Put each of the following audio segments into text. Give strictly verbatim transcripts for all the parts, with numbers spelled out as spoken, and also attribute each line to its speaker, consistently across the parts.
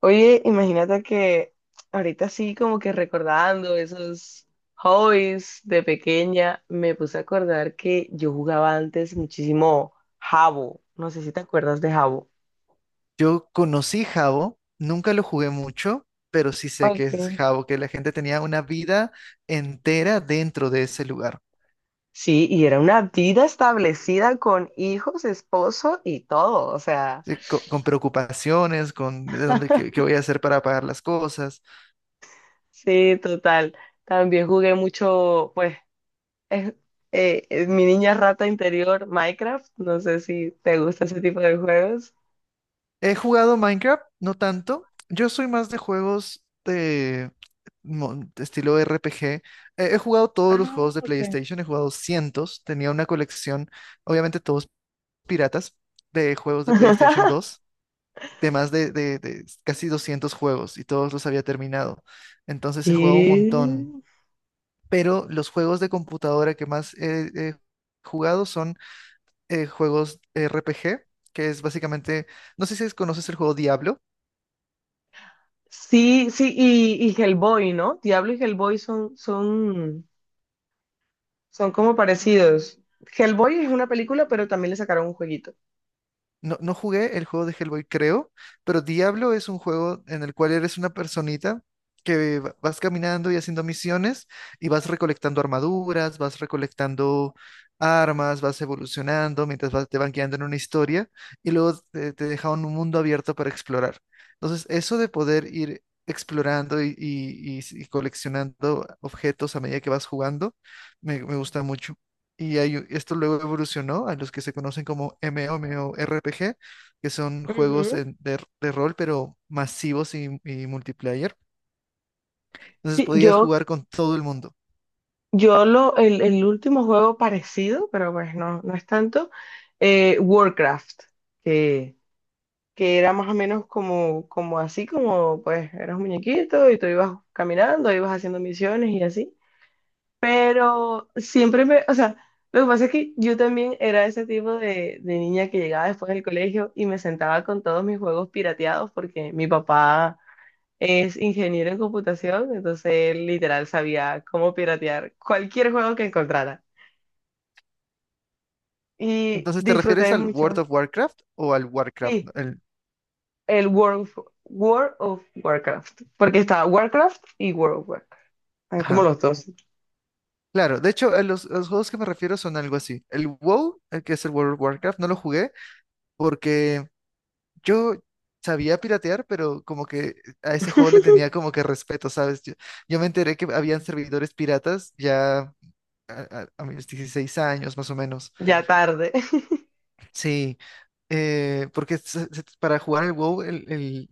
Speaker 1: Oye, imagínate que ahorita sí, como que recordando esos hobbies de pequeña, me puse a acordar que yo jugaba antes muchísimo jabo. No sé si te acuerdas de jabo.
Speaker 2: Yo conocí Jabo, nunca lo jugué mucho, pero sí sé que es
Speaker 1: Okay.
Speaker 2: Jabo, que la gente tenía una vida entera dentro de ese lugar,
Speaker 1: Sí, y era una vida establecida con hijos, esposo y todo. O sea,
Speaker 2: sí, co- con, preocupaciones, con de dónde, qué, qué voy a hacer para pagar las cosas.
Speaker 1: sí, total. También jugué mucho, pues, es- eh, es mi niña rata interior, Minecraft. No sé si te gusta ese tipo de juegos.
Speaker 2: He jugado Minecraft, no tanto. Yo soy más de juegos de, mo- de estilo R P G. Eh, he jugado todos los juegos
Speaker 1: Ah,
Speaker 2: de
Speaker 1: ok.
Speaker 2: PlayStation, he jugado cientos, tenía una colección, obviamente todos piratas, de juegos de PlayStation dos, de más de, de- de casi doscientos juegos y todos los había terminado. Entonces he jugado un
Speaker 1: ¿Qué?
Speaker 2: montón. Pero los juegos de computadora que más he, he jugado son eh, juegos R P G, que es básicamente, no sé si conoces el juego Diablo.
Speaker 1: Sí, sí, y, y Hellboy, ¿no? Diablo y Hellboy son, son, son como parecidos. Hellboy es una película, pero también le sacaron un jueguito.
Speaker 2: No, no jugué el juego de Hellboy, creo, pero Diablo es un juego en el cual eres una personita que va- vas caminando y haciendo misiones y vas recolectando armaduras, vas recolectando armas, vas evolucionando mientras vas- te van guiando en una historia y luego te, te deja un mundo abierto para explorar. Entonces, eso de poder ir explorando y, y- y- y coleccionando objetos a medida que vas jugando, me, me gusta mucho. Y hay u- esto luego evolucionó a los que se conocen como MMORPG, que son juegos
Speaker 1: Ujú.
Speaker 2: en- de, de rol, pero masivos y, y multiplayer. Entonces
Speaker 1: Sí,
Speaker 2: podías
Speaker 1: yo,
Speaker 2: jugar con todo el mundo.
Speaker 1: yo lo, el, el último juego parecido, pero pues no, no es tanto, eh, Warcraft, que, que era más o menos como, como así, como pues eras un muñequito y tú ibas caminando, ibas haciendo misiones y así. Pero siempre me, o sea, lo que pasa es que yo también era ese tipo de, de niña que llegaba después del colegio y me sentaba con todos mis juegos pirateados porque mi papá es ingeniero en computación, entonces él literal sabía cómo piratear cualquier juego que encontrara. Y
Speaker 2: Entonces, ¿te refieres
Speaker 1: disfruté
Speaker 2: al
Speaker 1: mucho,
Speaker 2: World of Warcraft o al Warcraft? No,
Speaker 1: sí,
Speaker 2: El-
Speaker 1: el World, of- World of Warcraft, porque estaba Warcraft y World of Warcraft, están como
Speaker 2: ajá.
Speaker 1: los dos,
Speaker 2: Claro, de hecho, a los, a los juegos que me refiero son algo así. El WoW, el que es el World of Warcraft, no lo jugué porque yo sabía piratear, pero como que a ese juego le tenía como que respeto, ¿sabes? Yo- yo me enteré que habían servidores piratas ya a, a- a mis dieciséis años más o menos.
Speaker 1: ya tarde.
Speaker 2: Sí, eh, porque se- se- para jugar el WoW el, el-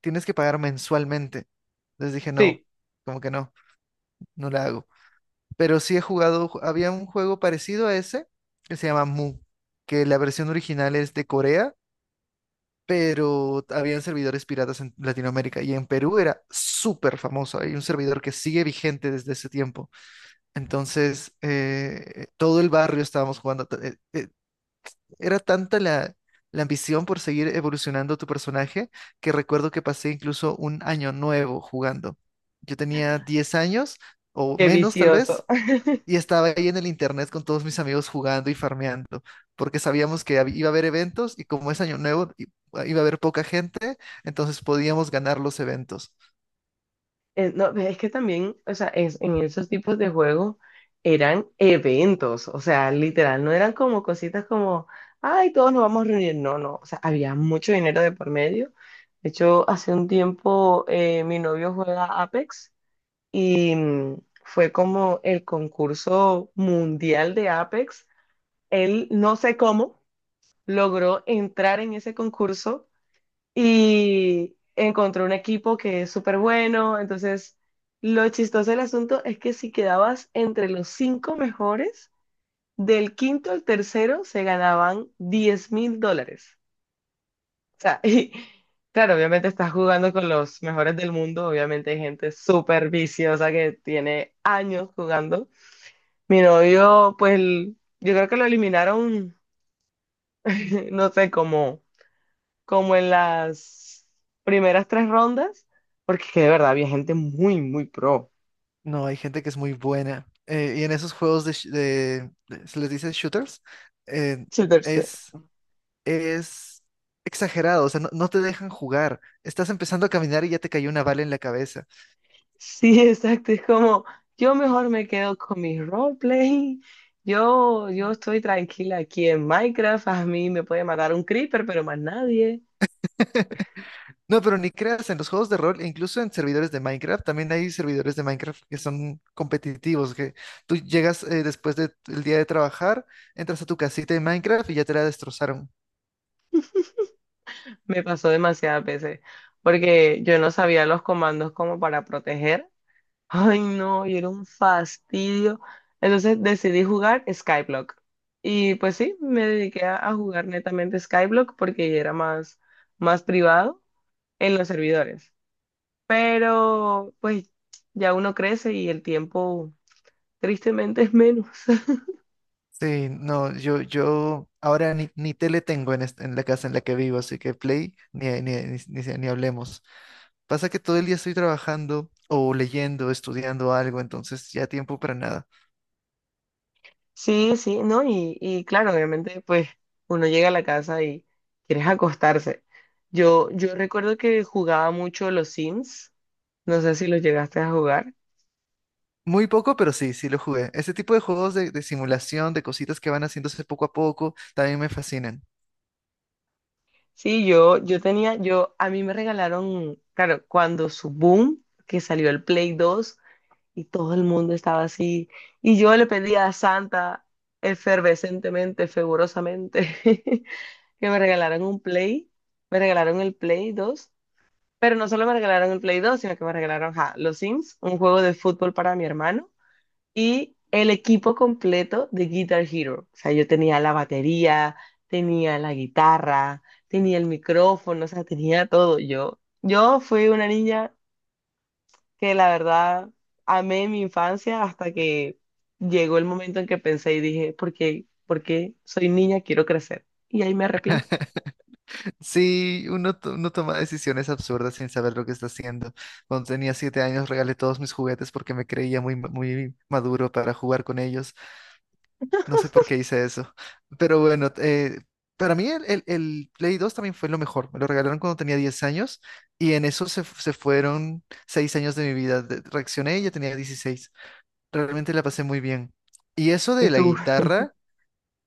Speaker 2: tienes que pagar mensualmente. Entonces dije, no,
Speaker 1: Sí,
Speaker 2: como que no, no la hago. Pero sí he jugado, ju- había un juego parecido a ese que se llama Mu, que la versión original es de Corea, pero habían servidores piratas en Latinoamérica y en Perú era súper famoso. Hay un servidor que sigue vigente desde ese tiempo. Entonces, eh, todo el barrio estábamos jugando. ta- eh, eh, Era tanta la, la ambición por seguir evolucionando tu personaje que recuerdo que pasé incluso un año nuevo jugando. Yo tenía diez años o
Speaker 1: qué
Speaker 2: menos tal
Speaker 1: vicioso.
Speaker 2: vez, y estaba ahí en el internet con todos mis amigos jugando y farmeando porque sabíamos que hab- iba a haber eventos y como es año nuevo i- iba a haber poca gente, entonces podíamos ganar los eventos.
Speaker 1: Eh, no, es que también, o sea, es, en esos tipos de juegos eran eventos, o sea, literal, no eran como cositas como, ay, todos nos vamos a reunir, no, no, o sea, había mucho dinero de por medio. De hecho, hace un tiempo eh, mi novio juega Apex y mm, fue como el concurso mundial de Apex. Él, no sé cómo, logró entrar en ese concurso y encontró un equipo que es súper bueno. Entonces, lo chistoso del asunto es que si quedabas entre los cinco mejores, del quinto al tercero se ganaban diez mil dólares. O sea, y claro, obviamente estás jugando con los mejores del mundo, obviamente hay gente súper viciosa que tiene años jugando. Mi novio, pues, l- yo creo que lo eliminaron, no sé, como como en las primeras tres rondas, porque es que de verdad había gente muy, muy pro.
Speaker 2: No, hay gente que es muy buena. Eh, y en esos juegos de, sh- de- de- se les dice shooters, eh,
Speaker 1: Sí, tercero.
Speaker 2: es es exagerado, o sea, no, no te dejan jugar. Estás empezando a caminar y ya te cayó una bala en la cabeza.
Speaker 1: Sí, exacto, es como yo mejor me quedo con mi roleplay. Yo, yo estoy tranquila aquí en Minecraft, a mí me puede matar un creeper, pero más nadie.
Speaker 2: No, pero ni creas, en los juegos de rol, e incluso en servidores de Minecraft, también hay servidores de Minecraft que son competitivos, que tú llegas eh, después del día de trabajar, entras a tu casita de Minecraft y ya te la destrozaron.
Speaker 1: Me pasó demasiadas veces, porque yo no sabía los comandos como para proteger. Ay, no, y era un fastidio. Entonces decidí jugar Skyblock. Y pues sí, me dediqué a, a jugar netamente Skyblock porque era más, más privado en los servidores. Pero pues ya uno crece y el tiempo tristemente es menos.
Speaker 2: Sí, no, yo, yo ahora ni, ni tele tengo en, est- en la casa en la que vivo, así que Play, ni, ni, ni, ni- ni hablemos. Pasa que todo el día estoy trabajando o leyendo, estudiando algo, entonces ya tiempo para nada.
Speaker 1: Sí, sí, ¿no? Y, y claro, obviamente pues uno llega a la casa y quieres acostarse. Yo, yo recuerdo que jugaba mucho los Sims. No sé si los llegaste a jugar.
Speaker 2: Muy poco, pero sí, sí lo jugué. Ese tipo de juegos de, de simulación, de cositas que van haciéndose poco a poco, también me fascinan.
Speaker 1: Sí, yo, yo tenía, yo, a mí me regalaron, claro, cuando su boom, que salió el Play dos y todo el mundo estaba así, y yo le pedía a Santa efervescentemente, fervorosamente, que me regalaran un Play, me regalaron el Play dos, pero no solo me regalaron el Play dos, sino que me regalaron, ja, los Sims, un juego de fútbol para mi hermano, y el equipo completo de Guitar Hero. O sea, yo tenía la batería, tenía la guitarra, tenía el micrófono, o sea, tenía todo. Yo, yo fui una niña que la verdad amé mi infancia hasta que llegó el momento en que pensé y dije, ¿por qué? ¿Por qué soy niña? Quiero crecer. Y ahí me arrepiento.
Speaker 2: Sí, uno, to- uno toma decisiones absurdas sin saber lo que está haciendo. Cuando tenía siete años regalé todos mis juguetes porque me creía muy, ma- muy maduro para jugar con ellos. No sé por qué hice eso. Pero bueno, eh, para mí el, el- el Play dos también fue lo mejor. Me lo regalaron cuando tenía diez años y en eso se, se fueron seis años de mi vida. De- Reaccioné y ya tenía dieciséis. Realmente la pasé muy bien. Y eso
Speaker 1: ¿Y
Speaker 2: de la
Speaker 1: tú?
Speaker 2: guitarra,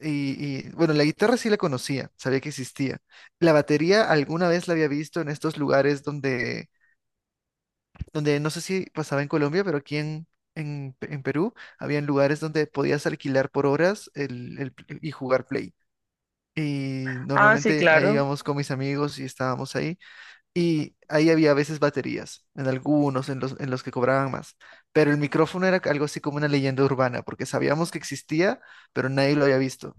Speaker 2: y, y, bueno, la guitarra sí la conocía, sabía que existía. La batería alguna vez la había visto en estos lugares donde, donde no sé si pasaba en Colombia, pero aquí en, en, en Perú. Habían lugares donde podías alquilar por horas el, el y jugar Play. Y
Speaker 1: Ah, sí,
Speaker 2: normalmente ahí
Speaker 1: claro.
Speaker 2: íbamos con mis amigos y estábamos ahí. Y ahí había a veces baterías, en algunos, en los, en los que cobraban más. Pero el micrófono era algo así como una leyenda urbana, porque sabíamos que existía, pero nadie lo había visto.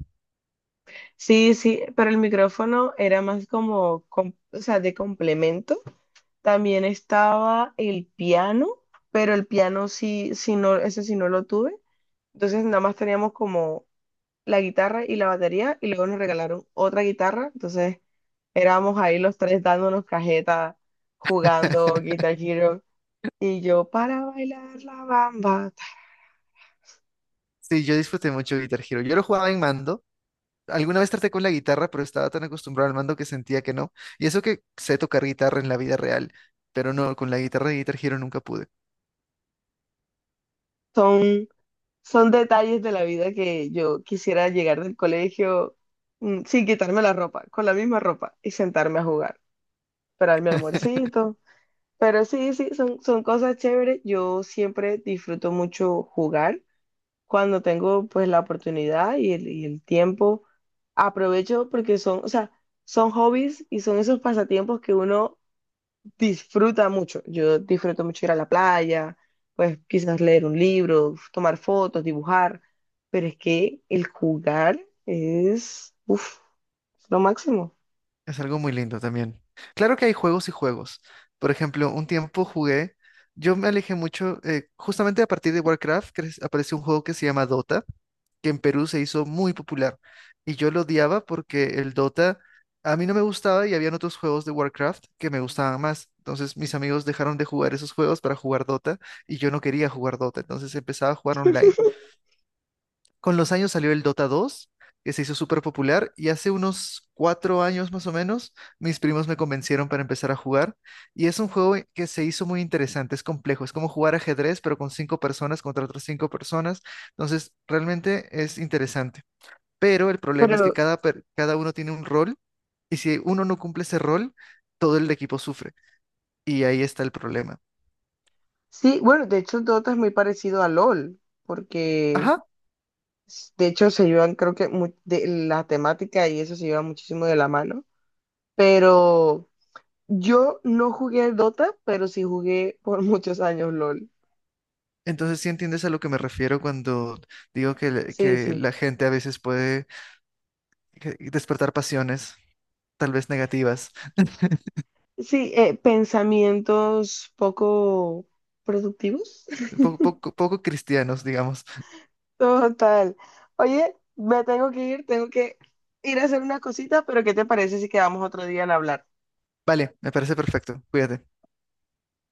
Speaker 1: Sí, sí, pero el micrófono era más como, com- o sea, de complemento. También estaba el piano, pero el piano sí, sí no, ese sí no lo tuve. Entonces nada más teníamos como la guitarra y la batería y luego nos regalaron otra guitarra. Entonces éramos ahí los tres dándonos cajeta, jugando Guitar Hero. Y yo para bailar la bamba.
Speaker 2: Sí, yo disfruté mucho Guitar Hero. Yo lo jugaba en mando. Alguna vez traté con la guitarra, pero estaba tan acostumbrado al mando que sentía que no. Y eso que sé tocar guitarra en la vida real, pero no, con la guitarra de Guitar Hero nunca pude.
Speaker 1: Son, son detalles de la vida que yo quisiera llegar del colegio mm, sin quitarme la ropa, con la misma ropa y sentarme a jugar, esperar mi almuercito. Pero sí, sí, son, son cosas chéveres. Yo siempre disfruto mucho jugar cuando tengo pues la oportunidad y el, y el tiempo. Aprovecho porque son, o sea, son hobbies y son esos pasatiempos que uno disfruta mucho. Yo disfruto mucho ir a la playa, pues quizás leer un libro, tomar fotos, dibujar, pero es que el jugar es, uff, lo máximo.
Speaker 2: Es algo muy lindo también. Claro que hay juegos y juegos. Por ejemplo, un tiempo jugué, yo me alejé mucho, eh, justamente a partir de Warcraft cre- apareció un juego que se llama Dota, que en Perú se hizo muy popular. Y yo lo odiaba porque el Dota a mí no me gustaba y habían otros juegos de Warcraft que me gustaban más. Entonces mis amigos dejaron de jugar esos juegos para jugar Dota y yo no quería jugar Dota. Entonces empezaba a jugar online. Con los años salió el Dota dos, que se hizo súper popular, y hace unos cuatro años más o menos, mis primos me convencieron para empezar a jugar, y es un juego que se hizo muy interesante, es complejo, es como jugar ajedrez, pero con cinco personas contra otras cinco personas, entonces realmente es interesante. Pero el problema es que
Speaker 1: Pero
Speaker 2: cada, per- cada uno tiene un rol, y si uno no cumple ese rol, todo el equipo sufre, y ahí está el problema.
Speaker 1: sí, bueno, de hecho Dota es muy parecido a L O L, porque
Speaker 2: Ajá,
Speaker 1: s- de hecho se llevan, creo que mu- de, la temática y eso se lleva muchísimo de la mano, pero yo no jugué Dota, pero sí jugué por muchos años L O L.
Speaker 2: entonces sí entiendes a lo que me refiero cuando digo que, le-
Speaker 1: Sí,
Speaker 2: que
Speaker 1: sí.
Speaker 2: la gente a veces puede que- y despertar pasiones, tal vez negativas,
Speaker 1: Sí, eh, pensamientos poco productivos.
Speaker 2: poco, poco, poco cristianos, digamos.
Speaker 1: Total. Oye, me tengo que ir, tengo que ir a hacer una cosita, pero ¿qué te parece si quedamos otro día en hablar?
Speaker 2: Vale, me parece perfecto. Cuídate.